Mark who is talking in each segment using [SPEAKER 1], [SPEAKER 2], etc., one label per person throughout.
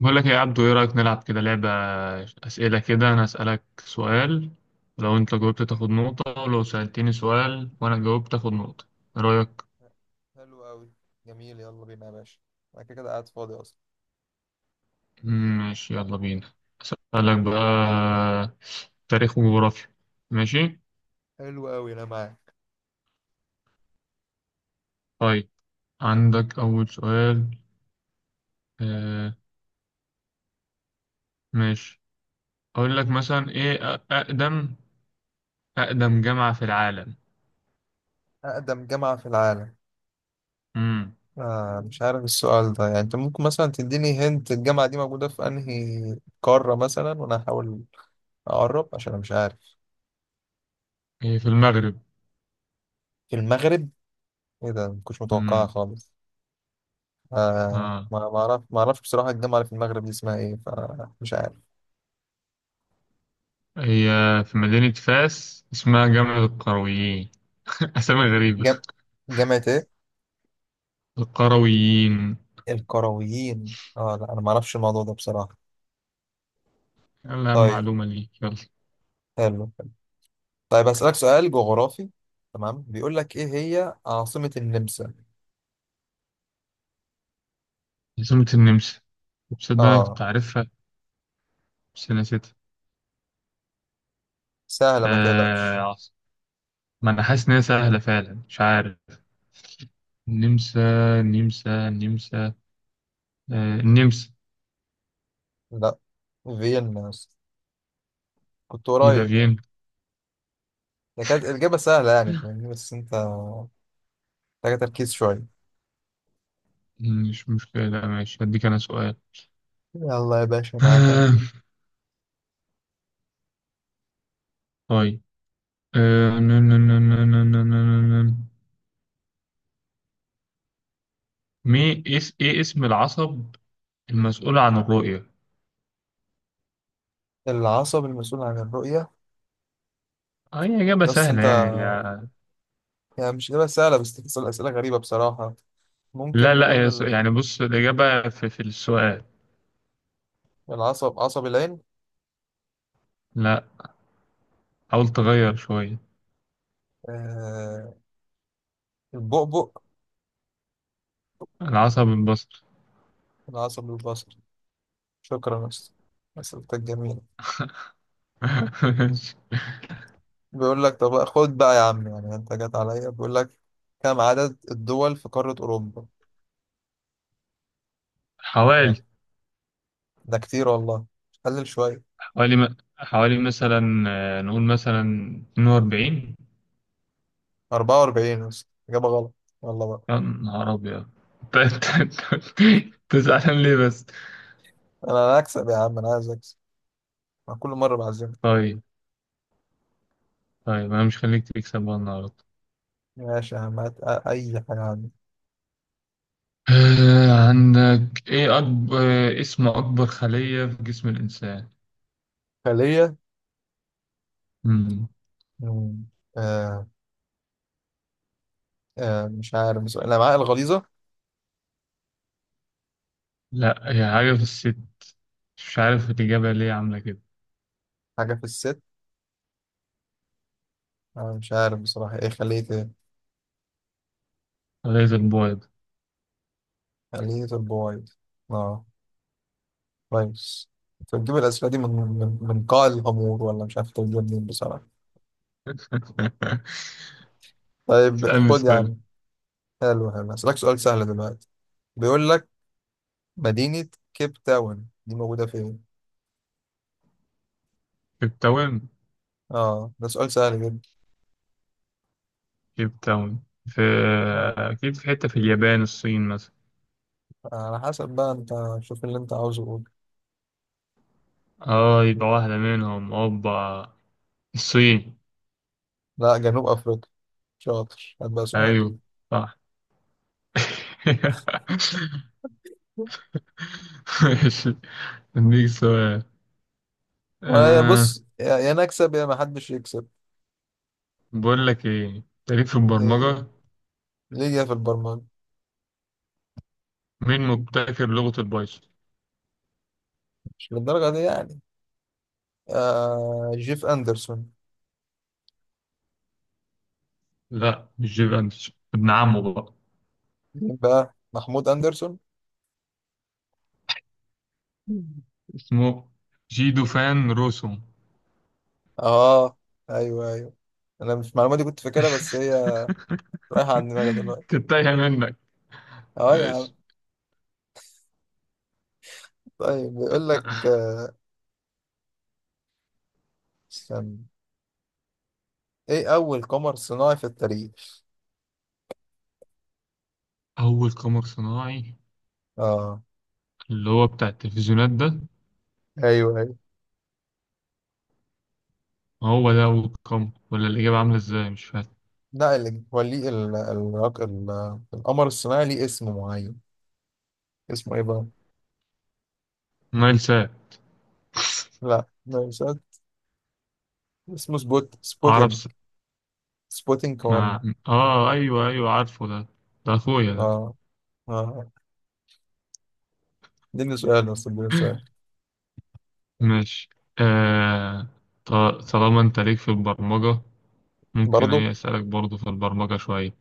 [SPEAKER 1] بقول لك إيه يا عبدو، ايه رأيك نلعب كده لعبة أسئلة كده؟ انا أسألك سؤال، لو انت جاوبت تاخد نقطة، ولو سألتني سؤال وانا جاوبت تاخد نقطة. إيه رأيك؟
[SPEAKER 2] حلو قوي. جميل، يلا بينا يا باشا. انا كده كده قاعد فاضي اصلا.
[SPEAKER 1] ماشي يلا بينا. أسألك بقى تاريخ وجغرافيا. ماشي.
[SPEAKER 2] حلو قوي انا معاك.
[SPEAKER 1] طيب، عندك أول سؤال. آه ماشي. أقول لك مثلا ايه أقدم أقدم جامعة في العالم.
[SPEAKER 2] اقدم جامعة في العالم؟
[SPEAKER 1] مم.
[SPEAKER 2] آه مش عارف السؤال ده، يعني انت ممكن مثلا تديني هنت الجامعة دي موجودة في انهي قارة مثلا وانا هحاول اقرب، عشان انا مش عارف.
[SPEAKER 1] إيه، في المغرب.
[SPEAKER 2] في المغرب؟ ايه ده، مكنتش متوقعها
[SPEAKER 1] مم.
[SPEAKER 2] خالص. آه
[SPEAKER 1] آه.
[SPEAKER 2] ما اعرفش بصراحة الجامعة اللي في المغرب دي اسمها ايه، فمش عارف.
[SPEAKER 1] هي في مدينة فاس، اسمها جامع القرويين. أسامي غريبة.
[SPEAKER 2] جام... جامعة ايه؟
[SPEAKER 1] القرويين.
[SPEAKER 2] القرويين، اه لا انا ما اعرفش الموضوع ده بصراحة.
[SPEAKER 1] يلا أهم
[SPEAKER 2] طيب،
[SPEAKER 1] معلومة لي، يلا.
[SPEAKER 2] حلو. طيب هسألك سؤال جغرافي، تمام؟ بيقول لك ايه هي عاصمة النمسا؟
[SPEAKER 1] عاصمة النمسا، تصدق أنا
[SPEAKER 2] اه
[SPEAKER 1] كنت عارفها بس نسيتها.
[SPEAKER 2] سهلة ما
[SPEAKER 1] آه
[SPEAKER 2] تقلقش.
[SPEAKER 1] عاص- ما أنا حاسس إن هي سهلة فعلا، مش عارف. النمسا النمسا النمسا، آه النمسا.
[SPEAKER 2] لا، فيينا يا اسطى. كنت
[SPEAKER 1] يبقى
[SPEAKER 2] قريب يعني.
[SPEAKER 1] فيينا.
[SPEAKER 2] ده كانت الإجابة سهلة يعني، فاهمني؟ بس انت محتاج تركيز شوية.
[SPEAKER 1] مش مشكلة، لا ماشي، هديك أنا سؤال.
[SPEAKER 2] يلا يا باشا، معاك أهو.
[SPEAKER 1] طيب، آه، نن- نن- نن- نن- نن- نن- نن. مي اس ايه اسم العصب المسؤول عن الرؤية.
[SPEAKER 2] العصب المسؤول عن الرؤية؟
[SPEAKER 1] اه هي إجابة
[SPEAKER 2] يا اسطى
[SPEAKER 1] سهلة
[SPEAKER 2] انت، يعني مش إجابة سهلة بس تسأل أسئلة غريبة بصراحة.
[SPEAKER 1] لا
[SPEAKER 2] ممكن
[SPEAKER 1] لا،
[SPEAKER 2] نقول
[SPEAKER 1] هي س- يعني بص الإجابة في السؤال.
[SPEAKER 2] العصب، عصب العين؟
[SPEAKER 1] لا، حاول تغير شوية.
[SPEAKER 2] آه، البؤبؤ؟
[SPEAKER 1] العصب البصري.
[SPEAKER 2] العصب البصري. شكرا يا اسطى، أسئلتك جميلة. بيقول لك طب خد بقى يا عم، يعني انت جت عليا. بيقول لك كم عدد الدول في قارة أوروبا؟ آه،
[SPEAKER 1] حوالي.
[SPEAKER 2] ده كتير والله، قلل شوية.
[SPEAKER 1] حوالي مثلا، نقول مثلا 42.
[SPEAKER 2] 44؟ بس إجابة غلط والله بقى.
[SPEAKER 1] يا نهار أبيض! أنت- تزعلان ليه بس؟
[SPEAKER 2] أنا هكسب يا عم، أنا عايز أكسب. أنا كل مرة بعزمك.
[SPEAKER 1] طيب، طيب أنا مش خليك تكسب بقى النهاردة.
[SPEAKER 2] ماشي يا عم، هات أي حاجة عندي.
[SPEAKER 1] عندك ايه؟ اكبر، اسم اكبر خلية في جسم الانسان.
[SPEAKER 2] خلية؟
[SPEAKER 1] مم.
[SPEAKER 2] مم. آه، آه مش عارف بصراحة، الأمعاء الغليظة؟
[SPEAKER 1] لا، هي حاجة في الست، مش عارف الاجابة ليه عاملة كده.
[SPEAKER 2] حاجة في الست؟ أنا مش عارف بصراحة، إيه خلية إيه؟
[SPEAKER 1] غيظ البويض.
[SPEAKER 2] خلية البويض؟ آه، كويس. أنت بتجيب الأسئلة دي من قاع الغمور، ولا مش عارف تجيبها منين بصراحة. طيب
[SPEAKER 1] اسألني
[SPEAKER 2] خد يا
[SPEAKER 1] سؤال.
[SPEAKER 2] عم. حلو حلو، هسألك سؤال سهل دلوقتي. بيقول لك مدينة كيب تاون دي موجودة فين؟
[SPEAKER 1] كيبتاون.
[SPEAKER 2] اه ده سؤال سهل جدا.
[SPEAKER 1] كيبتاون في،
[SPEAKER 2] اه
[SPEAKER 1] اكيد في حتة في اليابان، الصين مثلا.
[SPEAKER 2] على حسب بقى انت، شوف اللي انت عاوزه قول.
[SPEAKER 1] اه يبقى واحدة منهم، اوبا الصين.
[SPEAKER 2] لا، جنوب افريقيا. شاطر، هات بقى سؤال.
[SPEAKER 1] ايوه، صح. ماشي، اديك سؤال. آه،
[SPEAKER 2] بص يا نكسب يا ما حدش يكسب.
[SPEAKER 1] بقول لك ايه؟ تاريخ في
[SPEAKER 2] إيه،
[SPEAKER 1] البرمجة.
[SPEAKER 2] ليه جاي في البرمجة؟
[SPEAKER 1] مين مبتكر لغة البايثون؟
[SPEAKER 2] مش للدرجة دي يعني. آه، جيف أندرسون.
[SPEAKER 1] لا مش جيب اندرسون، ابن عمه بقى.
[SPEAKER 2] مين بقى، محمود أندرسون؟
[SPEAKER 1] اسمه جيدو فان روسوم.
[SPEAKER 2] اه ايوه ايوه، انا مش المعلومة دي كنت فاكرها، بس هي رايحة عن دماغي دلوقتي.
[SPEAKER 1] كنت تايهة منك.
[SPEAKER 2] اه يا
[SPEAKER 1] ماشي.
[SPEAKER 2] عم. طيب بيقول لك، آه، استنى، ايه اول قمر صناعي في التاريخ؟
[SPEAKER 1] أول قمر صناعي
[SPEAKER 2] اه
[SPEAKER 1] اللي هو بتاع التلفزيونات ده.
[SPEAKER 2] ايوه ايوه.
[SPEAKER 1] هو ده أول قمر ولا الإجابة عاملة إزاي؟ مش فاهم.
[SPEAKER 2] لا اللي هو ليه القمر الصناعي ليه اسم معين، اسمه ايه بقى؟
[SPEAKER 1] نايل ساب.
[SPEAKER 2] لا مش عارف. اسمه
[SPEAKER 1] عرب
[SPEAKER 2] سبوتينج،
[SPEAKER 1] س...
[SPEAKER 2] سبوتينج 1.
[SPEAKER 1] مع، آه أيوه أيوه عارفه ده، ده أخويا
[SPEAKER 2] اه
[SPEAKER 1] ده.
[SPEAKER 2] اه اه. اديني سؤال بس، اديني سؤال.
[SPEAKER 1] ماشي. آه... ط- طالما انت ليك في البرمجة، ممكن
[SPEAKER 2] برضه،
[SPEAKER 1] ايه اسألك برضو في البرمجة شوية.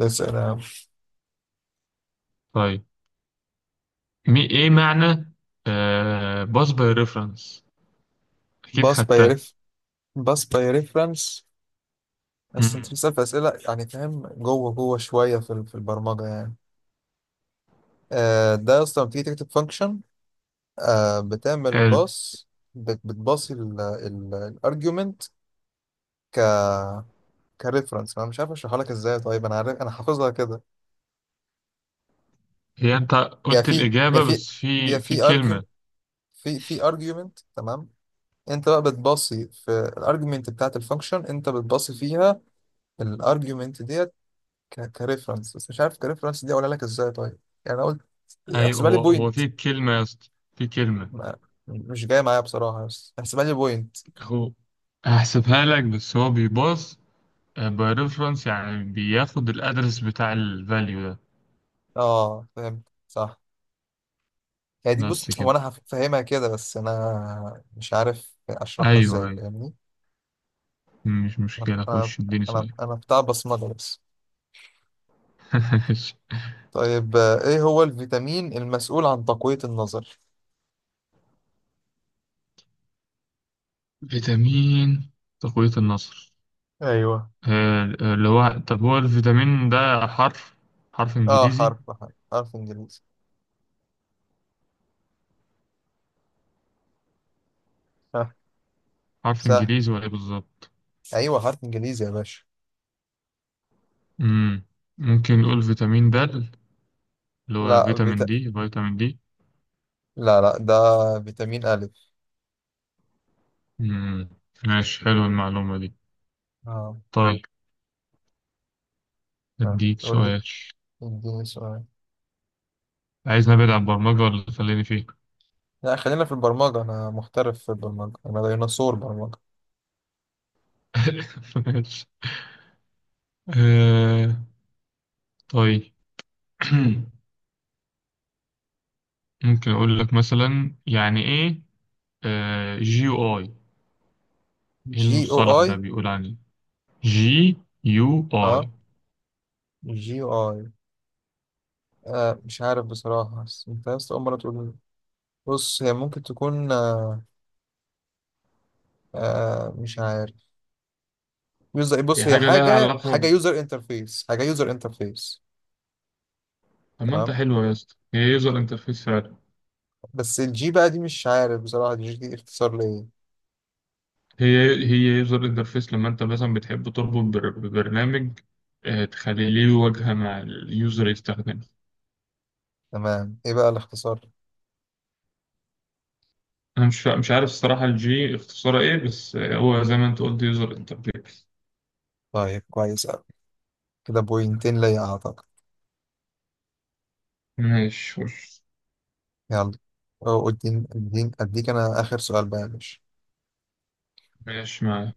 [SPEAKER 2] اسال يا عم.
[SPEAKER 1] طيب، ايه معنى باس باي ريفرنس؟ اكيد
[SPEAKER 2] باس باي
[SPEAKER 1] خدتها.
[SPEAKER 2] ريف باس باي ريفرنس؟ بس انت
[SPEAKER 1] مم.
[SPEAKER 2] بتسال في اسئله يعني فاهم جوه شويه في البرمجه يعني. آه، ده اصلا بتيجي تكتب فانكشن، آه بتعمل
[SPEAKER 1] حلو.
[SPEAKER 2] باص، بتباصي الارجيومنت ك كريفرنس. انا مش عارف اشرحها لك ازاي، طيب؟ انا عارف، انا حافظها كده.
[SPEAKER 1] هي انت
[SPEAKER 2] بيبقى
[SPEAKER 1] قلت
[SPEAKER 2] في بيبقى
[SPEAKER 1] الإجابة
[SPEAKER 2] في
[SPEAKER 1] بس
[SPEAKER 2] بيبقى
[SPEAKER 1] في
[SPEAKER 2] في ارجيوم،
[SPEAKER 1] كلمة.
[SPEAKER 2] في ارجيومنت تمام. انت بقى بتباصي في الارجيومنت بتاعت الفانكشن، انت بتباصي فيها الارجيومنت ديت ك كريفرنس. بس مش عارف كريفرنس دي اقولها لك ازاي طيب. يعني انا قلت،
[SPEAKER 1] ايوه،
[SPEAKER 2] احسبها لي
[SPEAKER 1] هو
[SPEAKER 2] بوينت.
[SPEAKER 1] في كلمة يا اسطى. في كلمة.
[SPEAKER 2] مش جاي معايا بصراحة، بس احسبها لي بوينت.
[SPEAKER 1] هو هحسبها لك، بس هو بيباص باي ريفرنس، يعني بياخد الأدرس بتاع الفاليو ده.
[SPEAKER 2] اه فهمت، صح. هي دي، بص
[SPEAKER 1] بس
[SPEAKER 2] هو
[SPEAKER 1] كده.
[SPEAKER 2] انا هفهمها كده بس انا مش عارف
[SPEAKER 1] ايوه
[SPEAKER 2] اشرحها ازاي،
[SPEAKER 1] ايوه،
[SPEAKER 2] فاهمني.
[SPEAKER 1] مش مشكلة،
[SPEAKER 2] انا
[SPEAKER 1] خش اديني سؤال.
[SPEAKER 2] انا بتاع بصمجه بس. طيب آه، ايه هو الفيتامين المسؤول عن تقوية النظر؟
[SPEAKER 1] فيتامين تقوية النصر.
[SPEAKER 2] ايوه.
[SPEAKER 1] اللي هو، طب هو الفيتامين ده حرف، حرف
[SPEAKER 2] اه
[SPEAKER 1] انجليزي؟
[SPEAKER 2] حرف انجليزي. ها،
[SPEAKER 1] حرف
[SPEAKER 2] سهل.
[SPEAKER 1] انجليزي ولا ايه بالظبط؟
[SPEAKER 2] ايوه، حرف انجليزي يا باشا.
[SPEAKER 1] مم. ممكن نقول فيتامين د، اللي هو
[SPEAKER 2] لا
[SPEAKER 1] فيتامين
[SPEAKER 2] فيتا...
[SPEAKER 1] دي، فيتامين دي.
[SPEAKER 2] لا لا، ده فيتامين الف.
[SPEAKER 1] مم. ماشي، حلو المعلومة دي.
[SPEAKER 2] اه.
[SPEAKER 1] طيب،
[SPEAKER 2] آه،
[SPEAKER 1] اديك
[SPEAKER 2] قول لي،
[SPEAKER 1] سؤال.
[SPEAKER 2] اديني سؤال.
[SPEAKER 1] عايز نبعد عن البرمجة ولا خليني فيه؟
[SPEAKER 2] لا، خلينا في البرمجة، انا محترف في البرمجة، انا ديناصور برمجة.
[SPEAKER 1] ماشي. آه، طيب. ممكن اقول لك مثلا يعني ايه آه جي او اي؟ ايه
[SPEAKER 2] جي او
[SPEAKER 1] المصطلح
[SPEAKER 2] اي؟
[SPEAKER 1] ده بيقول عليه؟ جي يو اي.
[SPEAKER 2] اه، جي او اي. آه مش عارف بصراحة، بس انت بس أول مرة تقول لي. بص هي ممكن تكون، آه، آه مش عارف، يوزر،
[SPEAKER 1] هي
[SPEAKER 2] بص هي
[SPEAKER 1] حاجة لها
[SPEAKER 2] حاجة،
[SPEAKER 1] علاقة ب...
[SPEAKER 2] حاجة يوزر انترفيس.
[SPEAKER 1] طب ما انت
[SPEAKER 2] تمام،
[SPEAKER 1] حلوة يا اسطى، هي يوزر انترفيس فعلا.
[SPEAKER 2] بس الجي بقى دي مش عارف بصراحة الجي دي اختصار لإيه.
[SPEAKER 1] هي هي يوزر انترفيس، لما انت مثلا بتحب تربط ببرنامج، تخلي ليه واجهة مع اليوزر يستخدمه.
[SPEAKER 2] تمام، ايه بقى الاختصار؟
[SPEAKER 1] انا مش عارف الصراحة الجي اختصارها ايه، بس هو زي ما انت قلت، يوزر انترفيس.
[SPEAKER 2] طيب كويس أوي، كده بوينتين ليا أعتقد.
[SPEAKER 1] ماشي وش.
[SPEAKER 2] يلا، أو اديني اديني اديك انا اخر سؤال بقى يا باشا.
[SPEAKER 1] ماشي معايا.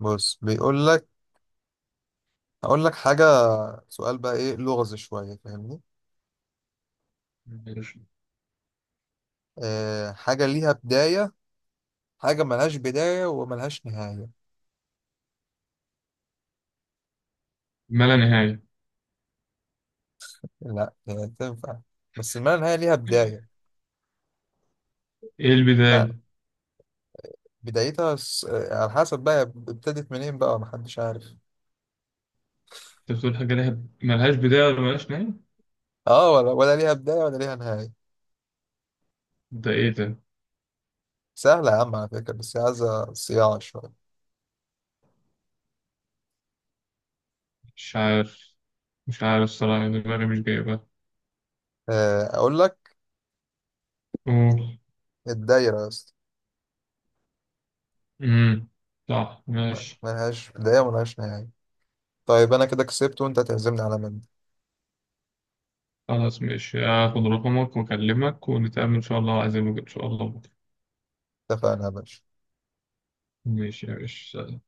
[SPEAKER 2] بص بيقول لك، هقول لك حاجة، سؤال بقى، ايه لغز شوية، فاهمني؟
[SPEAKER 1] ماشي.
[SPEAKER 2] آه حاجة ليها بداية، حاجة ملهاش بداية وملهاش نهاية.
[SPEAKER 1] ما لا نهاية.
[SPEAKER 2] لا هي تنفع، بس ما نهاية ليها بداية.
[SPEAKER 1] ايه
[SPEAKER 2] لا،
[SPEAKER 1] البداية؟
[SPEAKER 2] على حسب بقى ابتدت منين بقى، محدش عارف.
[SPEAKER 1] انت بتقول حاجة لها ملهاش بداية ولا ملهاش نهاية؟
[SPEAKER 2] اه ولا ليها بداية ولا ليها نهاية.
[SPEAKER 1] ده ايه ده؟
[SPEAKER 2] سهلة يا عم على فكرة، بس عايزة صياعة شوية.
[SPEAKER 1] مش عارف، مش عارف الصراحة، يعني دماغي مش جايبها.
[SPEAKER 2] آه، أقول لك،
[SPEAKER 1] قول.
[SPEAKER 2] الدايرة يا اسطى.
[SPEAKER 1] امم، صح ماشي.
[SPEAKER 2] ملهاش بداية وملهاش نهاية. طيب أنا كده كسبت، وأنت هتعزمني على مندي.
[SPEAKER 1] خلاص ماشي، هاخد رقمك واكلمك ونتقابل ان شاء الله، عايزين ان شاء الله بكره.
[SPEAKER 2] اتفقنا يا باشا.
[SPEAKER 1] ماشي يا باشا.